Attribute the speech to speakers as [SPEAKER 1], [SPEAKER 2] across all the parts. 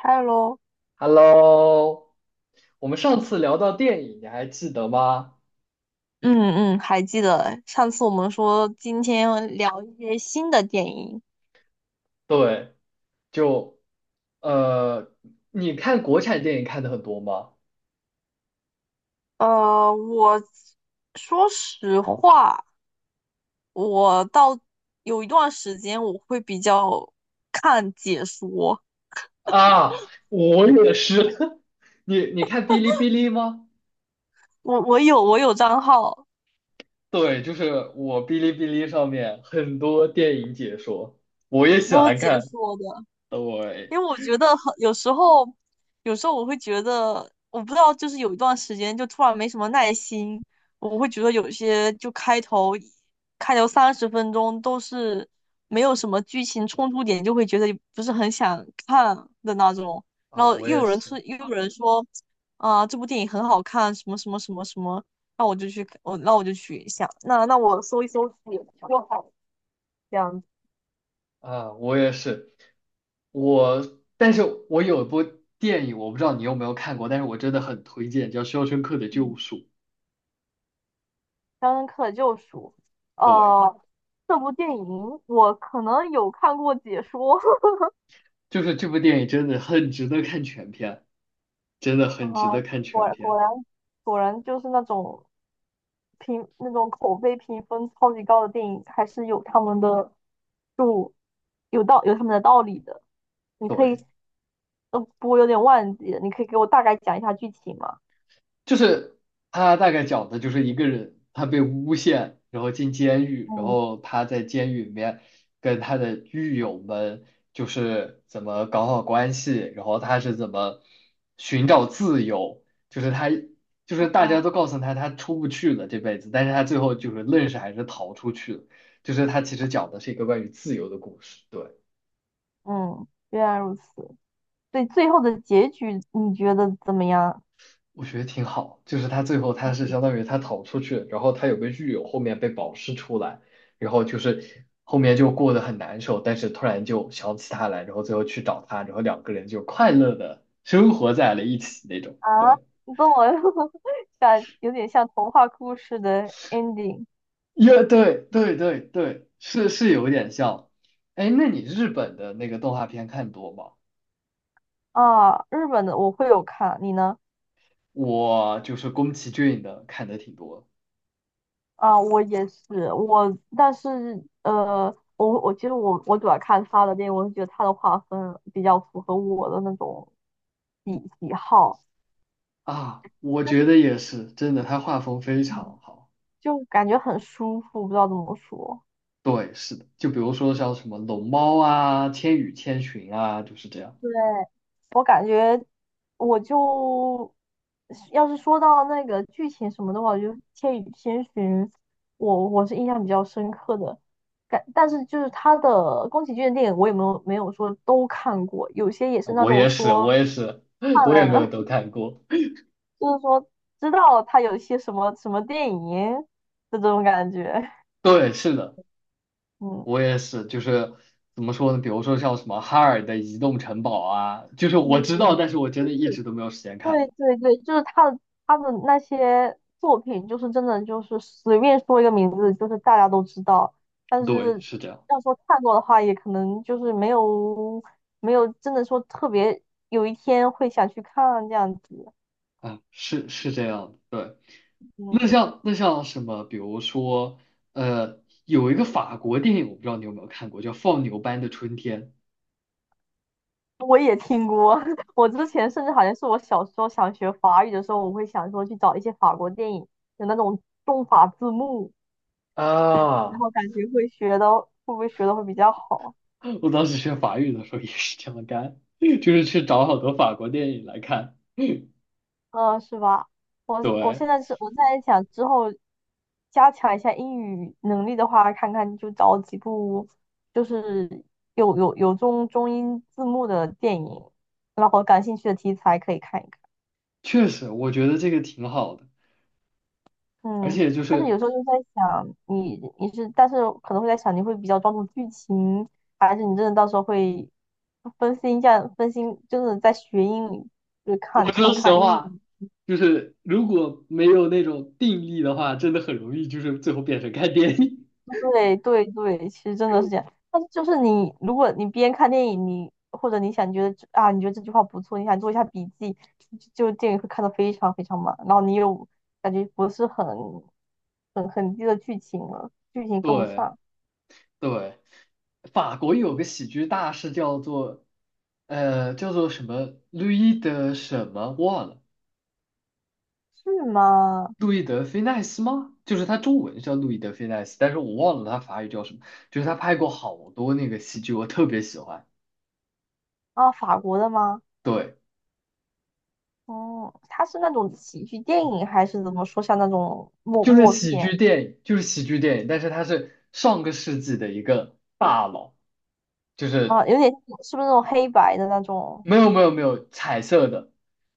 [SPEAKER 1] Hello。
[SPEAKER 2] Hello，我们上次聊到电影，你还记得吗？
[SPEAKER 1] 嗯，还记得上次我们说今天聊一些新的电影。
[SPEAKER 2] 对，就呃，你看国产电影看的很多吗？
[SPEAKER 1] 呃，我说实话，我到有一段时间我会比较看解说，
[SPEAKER 2] 啊，我也是。你看哔哩哔哩吗？
[SPEAKER 1] 我有账号，
[SPEAKER 2] 对，就是我哔哩哔哩上面很多电影解说，我也喜
[SPEAKER 1] 都是
[SPEAKER 2] 欢
[SPEAKER 1] 解
[SPEAKER 2] 看。
[SPEAKER 1] 说的。
[SPEAKER 2] 对，
[SPEAKER 1] 因为我觉得很有时候，有时候我会觉得，我不知道，就是有一段时间就突然没什么耐心，我会觉得有些就开头30分钟都是没有什么剧情冲突点，就会觉得不是很想看的那种。
[SPEAKER 2] 啊，
[SPEAKER 1] 然后
[SPEAKER 2] 我
[SPEAKER 1] 又
[SPEAKER 2] 也
[SPEAKER 1] 有人
[SPEAKER 2] 是，
[SPEAKER 1] 说，啊、这部电影很好看，什么什么什么什么，那我就去，我就去一下，那我搜一搜也就好，这样
[SPEAKER 2] 啊，我也是。但是我有一部电影，我不知道你有没有看过，但是我真的很推荐，叫《肖申克的救
[SPEAKER 1] 子。《
[SPEAKER 2] 赎》。
[SPEAKER 1] 肖申克的救赎》。
[SPEAKER 2] 对，
[SPEAKER 1] 呃，这部电影我可能有看过解说。
[SPEAKER 2] 就是这部电影真的很值得看全片，真的很值
[SPEAKER 1] 啊，
[SPEAKER 2] 得看全
[SPEAKER 1] 果
[SPEAKER 2] 片。
[SPEAKER 1] 果然果然就是那种那种口碑评分超级高的电影，还是有他们的就有他们的道理的。你可以，
[SPEAKER 2] 对，
[SPEAKER 1] 呃，不过有点忘记了，你可以给我大概讲一下剧情吗？
[SPEAKER 2] 就是他大概讲的就是一个人，他被诬陷，然后进监狱，然
[SPEAKER 1] 嗯
[SPEAKER 2] 后他在监狱里面跟他的狱友们就是怎么搞好关系，然后他是怎么寻找自由，就是他就是大家
[SPEAKER 1] 嗯。
[SPEAKER 2] 都告诉他他出不去了这辈子，但是他最后就是愣是还是逃出去了，就是他其实讲的是一个关于自由的故事，对。
[SPEAKER 1] 嗯，原来如此。对，最后的结局你觉得怎么样？
[SPEAKER 2] 我觉得挺好，就是他最后他是相当于他逃出去，然后他有个狱友后面被保释出来，然后就是后面就过得很难受，但是突然就想起他来，然后最后去找他，然后两个人就快乐的生活在了一起那种。
[SPEAKER 1] 啊，
[SPEAKER 2] 对，
[SPEAKER 1] 你跟我 像有点像童话故事的 ending。
[SPEAKER 2] 也对对对对，是有点像。哎，那你日本的那个动画片看多吗？
[SPEAKER 1] 啊。日本的我会有看，你呢？
[SPEAKER 2] 我就是宫崎骏的看的挺多
[SPEAKER 1] 啊，我也是，但是我我其实我主要看他的电影，我是觉得他的画风比较符合我的那种喜喜好，
[SPEAKER 2] 啊，我
[SPEAKER 1] 但
[SPEAKER 2] 觉
[SPEAKER 1] 是
[SPEAKER 2] 得也是，真的，他画风非常
[SPEAKER 1] 嗯，
[SPEAKER 2] 好。
[SPEAKER 1] 就感觉很舒服，不知道怎么说。
[SPEAKER 2] 对，是的，就比如说像什么龙猫啊、千与千寻啊，就是这样。
[SPEAKER 1] 对。我。我就要是说到那个剧情什么的话，千与千寻》我是印象比较深刻的，但是就是宫崎骏的电影我也没有说都看过，有些也
[SPEAKER 2] 啊
[SPEAKER 1] 是那
[SPEAKER 2] 我
[SPEAKER 1] 种
[SPEAKER 2] 也是，
[SPEAKER 1] 说
[SPEAKER 2] 我也是，
[SPEAKER 1] 看
[SPEAKER 2] 我也没有
[SPEAKER 1] 了
[SPEAKER 2] 都看过。
[SPEAKER 1] 就是说知道他有一些什么什么电影的这种感觉，
[SPEAKER 2] 对，是的，
[SPEAKER 1] 嗯。
[SPEAKER 2] 我也是，就是怎么说呢？比如说像什么哈尔的移动城堡啊，就是我知道，
[SPEAKER 1] 嗯，
[SPEAKER 2] 但是我真的一直都没有时间看。
[SPEAKER 1] 对对对，就是他的那些作品，就是真的就是随便说一个名字，就是大家都知道。但
[SPEAKER 2] 对，
[SPEAKER 1] 是
[SPEAKER 2] 是这样
[SPEAKER 1] 要说看过的话，也可能就是没有真的说特别有一天会想去看这样子。
[SPEAKER 2] 啊，是这样的，对。那
[SPEAKER 1] 嗯，
[SPEAKER 2] 像那像什么，比如说，呃，有一个法国电影，我不知道你有没有看过，叫《放牛班的春天》。
[SPEAKER 1] 我也听过。我之前甚至好像是我小时候想学法语的时候，我会想说去找一些法国电影，有那种中法字幕，然
[SPEAKER 2] 啊，
[SPEAKER 1] 后感觉会不会学的会比较好。
[SPEAKER 2] 我当时学法语的时候也是这么干，就是去找好多法国电影来看。
[SPEAKER 1] 嗯，是吧？
[SPEAKER 2] 对，
[SPEAKER 1] 我在想之后加强一下英语能力的话，看看就找几部就是有中英字幕的电影，然后感兴趣的题材可以看一看。
[SPEAKER 2] 确实，我觉得这个挺好的。而
[SPEAKER 1] 嗯，
[SPEAKER 2] 且就
[SPEAKER 1] 但是
[SPEAKER 2] 是，
[SPEAKER 1] 有时候就在想，你你是，但是可能会在想，你会比较专注剧情，还是你真的到时候会分心一下，分心就是在学英语，就
[SPEAKER 2] 我说实
[SPEAKER 1] 看英
[SPEAKER 2] 话，
[SPEAKER 1] 语。
[SPEAKER 2] 就是如果没有那种定力的话，真的很容易就是最后变成看电影。
[SPEAKER 1] 对对对，其实真的是这样。但是就是如果你边看电影，你或者你想觉得你觉得这句话不错，你想做一下笔记，就电影会看得非常非常慢，然后你又感觉不是很低的剧情了，剧 情跟不
[SPEAKER 2] 对
[SPEAKER 1] 上，
[SPEAKER 2] 对，法国有个喜剧大师叫做什么 l o u 的什么忘了。
[SPEAKER 1] 是吗？
[SPEAKER 2] 路易德菲奈斯吗？就是他中文叫路易德菲奈斯，但是我忘了他法语叫什么。就是他拍过好多那个喜剧，我特别喜欢。
[SPEAKER 1] 啊，法国的吗？
[SPEAKER 2] 对，
[SPEAKER 1] 哦、它是那种喜剧电影还是怎么说？像那种
[SPEAKER 2] 就是
[SPEAKER 1] 默
[SPEAKER 2] 喜
[SPEAKER 1] 片
[SPEAKER 2] 剧电影，就是喜剧电影，但是他是上个世纪的一个大佬，就
[SPEAKER 1] 啊，
[SPEAKER 2] 是
[SPEAKER 1] 有点是不是那种黑白的那种
[SPEAKER 2] 没有没有没有彩色的，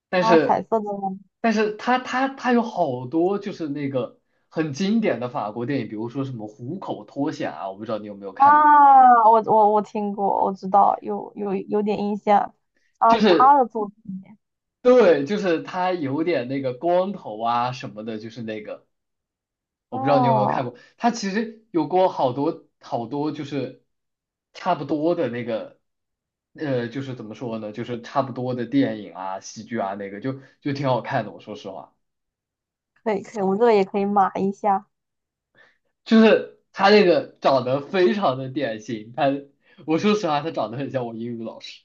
[SPEAKER 2] 但
[SPEAKER 1] 啊，彩
[SPEAKER 2] 是
[SPEAKER 1] 色的吗？
[SPEAKER 2] 但是他有好多就是那个很经典的法国电影，比如说什么《虎口脱险》啊，我不知道你有没有看过，
[SPEAKER 1] 啊，我听过，我知道，有点印象啊，
[SPEAKER 2] 就
[SPEAKER 1] 是他
[SPEAKER 2] 是
[SPEAKER 1] 的作品。
[SPEAKER 2] 对，就是他有点那个光头啊什么的，就是那个，我不知道你有没有看
[SPEAKER 1] 哦，
[SPEAKER 2] 过，他其实有过好多好多就是差不多的那个，就是怎么说呢，就是差不多的电影啊、喜剧啊，那个就挺好看的。我说实话，
[SPEAKER 1] 可以可以，我这个也可以码一下，
[SPEAKER 2] 就是他那个长得非常的典型，他我说实话，他长得很像我英语老师，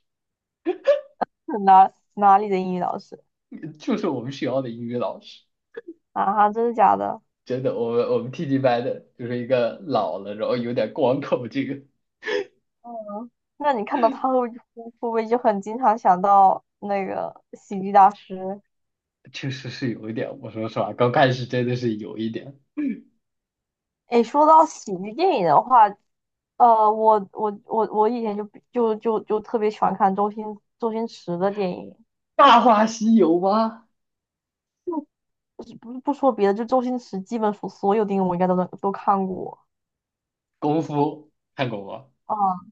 [SPEAKER 1] 是哪里的英语老师
[SPEAKER 2] 就是我们学校的英语老师。
[SPEAKER 1] 啊？真的假的？
[SPEAKER 2] 真的，我们 TG 班的就是一个老了，然后有点光头这个。
[SPEAKER 1] 嗯，那你看到他会不会就很经常想到那个喜剧大师？
[SPEAKER 2] 确实是有一点。我说实话，刚开始真的是有一点。
[SPEAKER 1] 诶，说到喜剧电影的话，呃，我以前就特别喜欢看周星驰的电影。
[SPEAKER 2] 《大话西游》吗？
[SPEAKER 1] 不是是不说别的，就周星驰基本所有电影我应该都都看过，
[SPEAKER 2] 功夫看过吗？
[SPEAKER 1] 啊、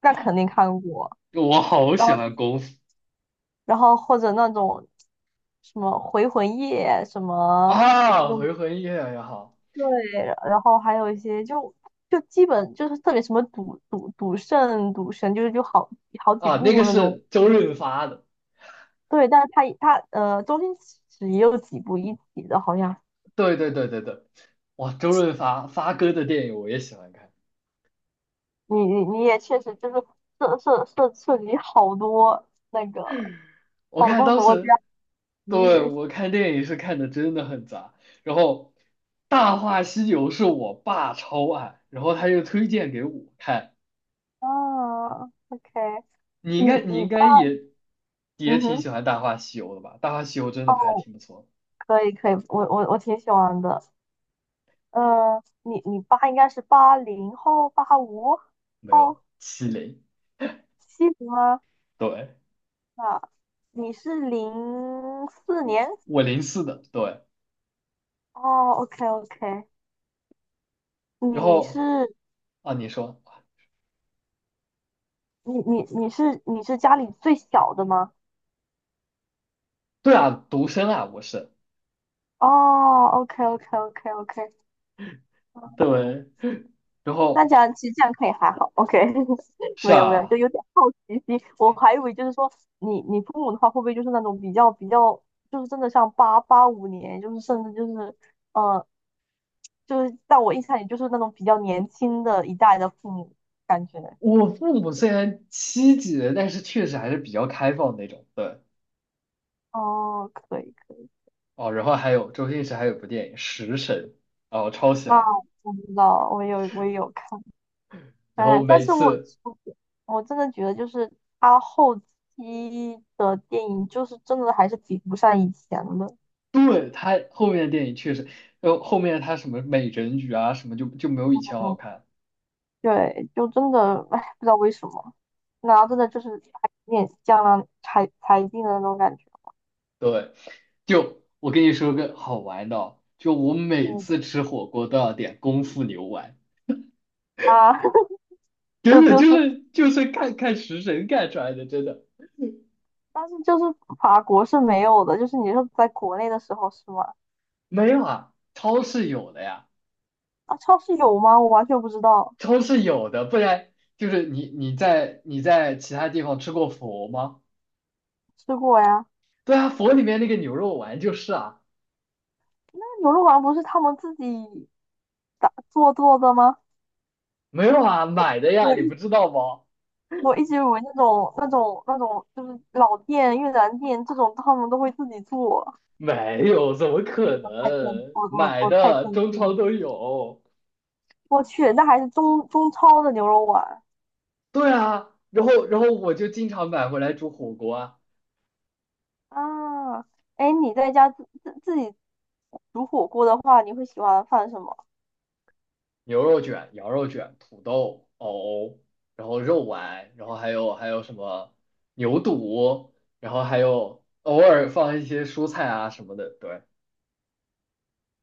[SPEAKER 1] 那肯定看过。
[SPEAKER 2] 我好
[SPEAKER 1] 然
[SPEAKER 2] 喜
[SPEAKER 1] 后
[SPEAKER 2] 欢功夫
[SPEAKER 1] 然后或者那种什么《回魂夜》什么那
[SPEAKER 2] 啊，
[SPEAKER 1] 种，
[SPEAKER 2] 回魂夜也好
[SPEAKER 1] 对，然后还有一些就基本就是特别什么赌圣、赌神，就是好好几
[SPEAKER 2] 啊，那个
[SPEAKER 1] 部那种。
[SPEAKER 2] 是周润发的。
[SPEAKER 1] 对，但是他呃，周星驰也有几部一起的，好像
[SPEAKER 2] 对对对对对，哇，周润发发哥的电影我也喜欢看。
[SPEAKER 1] 你也确实就是涉及好多那个
[SPEAKER 2] 我
[SPEAKER 1] 好
[SPEAKER 2] 看
[SPEAKER 1] 多
[SPEAKER 2] 当
[SPEAKER 1] 国家。
[SPEAKER 2] 时，对，
[SPEAKER 1] 鱼
[SPEAKER 2] 我看电影是看的真的很杂。然后《大话西游》是我爸超爱，然后他就推荐给我看。
[SPEAKER 1] 啊。 o k
[SPEAKER 2] 你应该
[SPEAKER 1] 你
[SPEAKER 2] 你
[SPEAKER 1] 你
[SPEAKER 2] 应
[SPEAKER 1] 爸，
[SPEAKER 2] 该也
[SPEAKER 1] 嗯
[SPEAKER 2] 挺
[SPEAKER 1] 哼。
[SPEAKER 2] 喜欢《大话西游》的吧？《大话西游》真的拍的
[SPEAKER 1] 哦，
[SPEAKER 2] 挺不错，
[SPEAKER 1] 可以可以，我挺喜欢的。呃，你你爸应该是八零后、八五
[SPEAKER 2] 没
[SPEAKER 1] 后、
[SPEAKER 2] 有七零，
[SPEAKER 1] 七零吗？
[SPEAKER 2] 对，
[SPEAKER 1] 啊，你是零四年？
[SPEAKER 2] 我零四的，对，
[SPEAKER 1] 哦OK OK，
[SPEAKER 2] 然
[SPEAKER 1] 你是
[SPEAKER 2] 后啊，你说
[SPEAKER 1] 你你你是你是家里最小的吗？
[SPEAKER 2] 对啊，独生啊，我是
[SPEAKER 1] 哦OK OK OK OK，
[SPEAKER 2] 对，然
[SPEAKER 1] 那这
[SPEAKER 2] 后
[SPEAKER 1] 样其实这样可以还好，OK。
[SPEAKER 2] 是
[SPEAKER 1] 没有没有，就
[SPEAKER 2] 啊，
[SPEAKER 1] 有点好奇心，我还以为就是说你你父母的话会不会就是那种比较就是真的像八五年，就是甚至就是呃就是在我印象里就是那种比较年轻的一代的父母感觉。
[SPEAKER 2] 我父母虽然七几的，但是确实还是比较开放的那种，对
[SPEAKER 1] 哦，可以可以
[SPEAKER 2] 哦，然后还有周星驰还有部电影《食神》，哦，超喜
[SPEAKER 1] 啊，
[SPEAKER 2] 欢，
[SPEAKER 1] 我知道，我也有看。
[SPEAKER 2] 然后
[SPEAKER 1] 哎，但
[SPEAKER 2] 每
[SPEAKER 1] 是我
[SPEAKER 2] 次
[SPEAKER 1] 我真的觉得就是他后期的电影就是真的还是比不上以前的。
[SPEAKER 2] 对，他后面的电影确实，后面他什么美人鱼啊什么就没有以前好看。
[SPEAKER 1] 对，就真的，哎，不知道为什么，然后真的就是还有点江郎才尽的那种感觉。
[SPEAKER 2] 对，就我跟你说个好玩的哦就我每
[SPEAKER 1] 嗯
[SPEAKER 2] 次吃火锅都要点功夫牛丸，
[SPEAKER 1] 啊。就
[SPEAKER 2] 真的
[SPEAKER 1] 就
[SPEAKER 2] 就
[SPEAKER 1] 是，
[SPEAKER 2] 是看看食神干出来的，真的
[SPEAKER 1] 但是就是法国是没有的，就是你说在国内的时候是吗？
[SPEAKER 2] 没有啊，超市有的呀，
[SPEAKER 1] 啊，超市有吗？我完全不知道，
[SPEAKER 2] 超市有的，不然就是你在其他地方吃过佛吗？
[SPEAKER 1] 吃过呀。
[SPEAKER 2] 对啊，佛里面那个牛肉丸就是啊，
[SPEAKER 1] 那牛肉丸不是他们自己做的吗？
[SPEAKER 2] 没有啊，买的呀，
[SPEAKER 1] 我
[SPEAKER 2] 你不
[SPEAKER 1] 一
[SPEAKER 2] 知道吗？
[SPEAKER 1] 我一直以为那种就是越南店这种他们都会自己做，
[SPEAKER 2] 没有，怎么可
[SPEAKER 1] 太天，
[SPEAKER 2] 能？买
[SPEAKER 1] 我太
[SPEAKER 2] 的，
[SPEAKER 1] 天
[SPEAKER 2] 中
[SPEAKER 1] 真
[SPEAKER 2] 超
[SPEAKER 1] 了。
[SPEAKER 2] 都有。
[SPEAKER 1] 我去，那还是中超的牛肉丸
[SPEAKER 2] 对啊，然后我就经常买回来煮火锅啊，
[SPEAKER 1] 啊！哎，你在家自己煮火锅的话，你会喜欢放什么
[SPEAKER 2] 牛肉卷、羊肉卷、土豆、藕，然后肉丸，然后还有什么牛肚，然后还有偶尔放一些蔬菜啊什么的。对，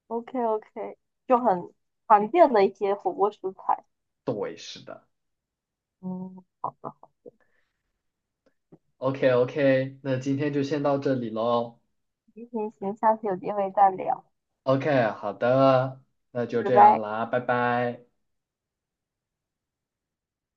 [SPEAKER 1] ？OK OK，就很常见的一些火锅食材。
[SPEAKER 2] 对，是的。
[SPEAKER 1] 嗯，好的，好的。
[SPEAKER 2] OK OK，那今天就先到这里喽。
[SPEAKER 1] 行，下次有机会再聊，
[SPEAKER 2] OK，好的，那就
[SPEAKER 1] 拜
[SPEAKER 2] 这样
[SPEAKER 1] 拜。
[SPEAKER 2] 啦，拜拜。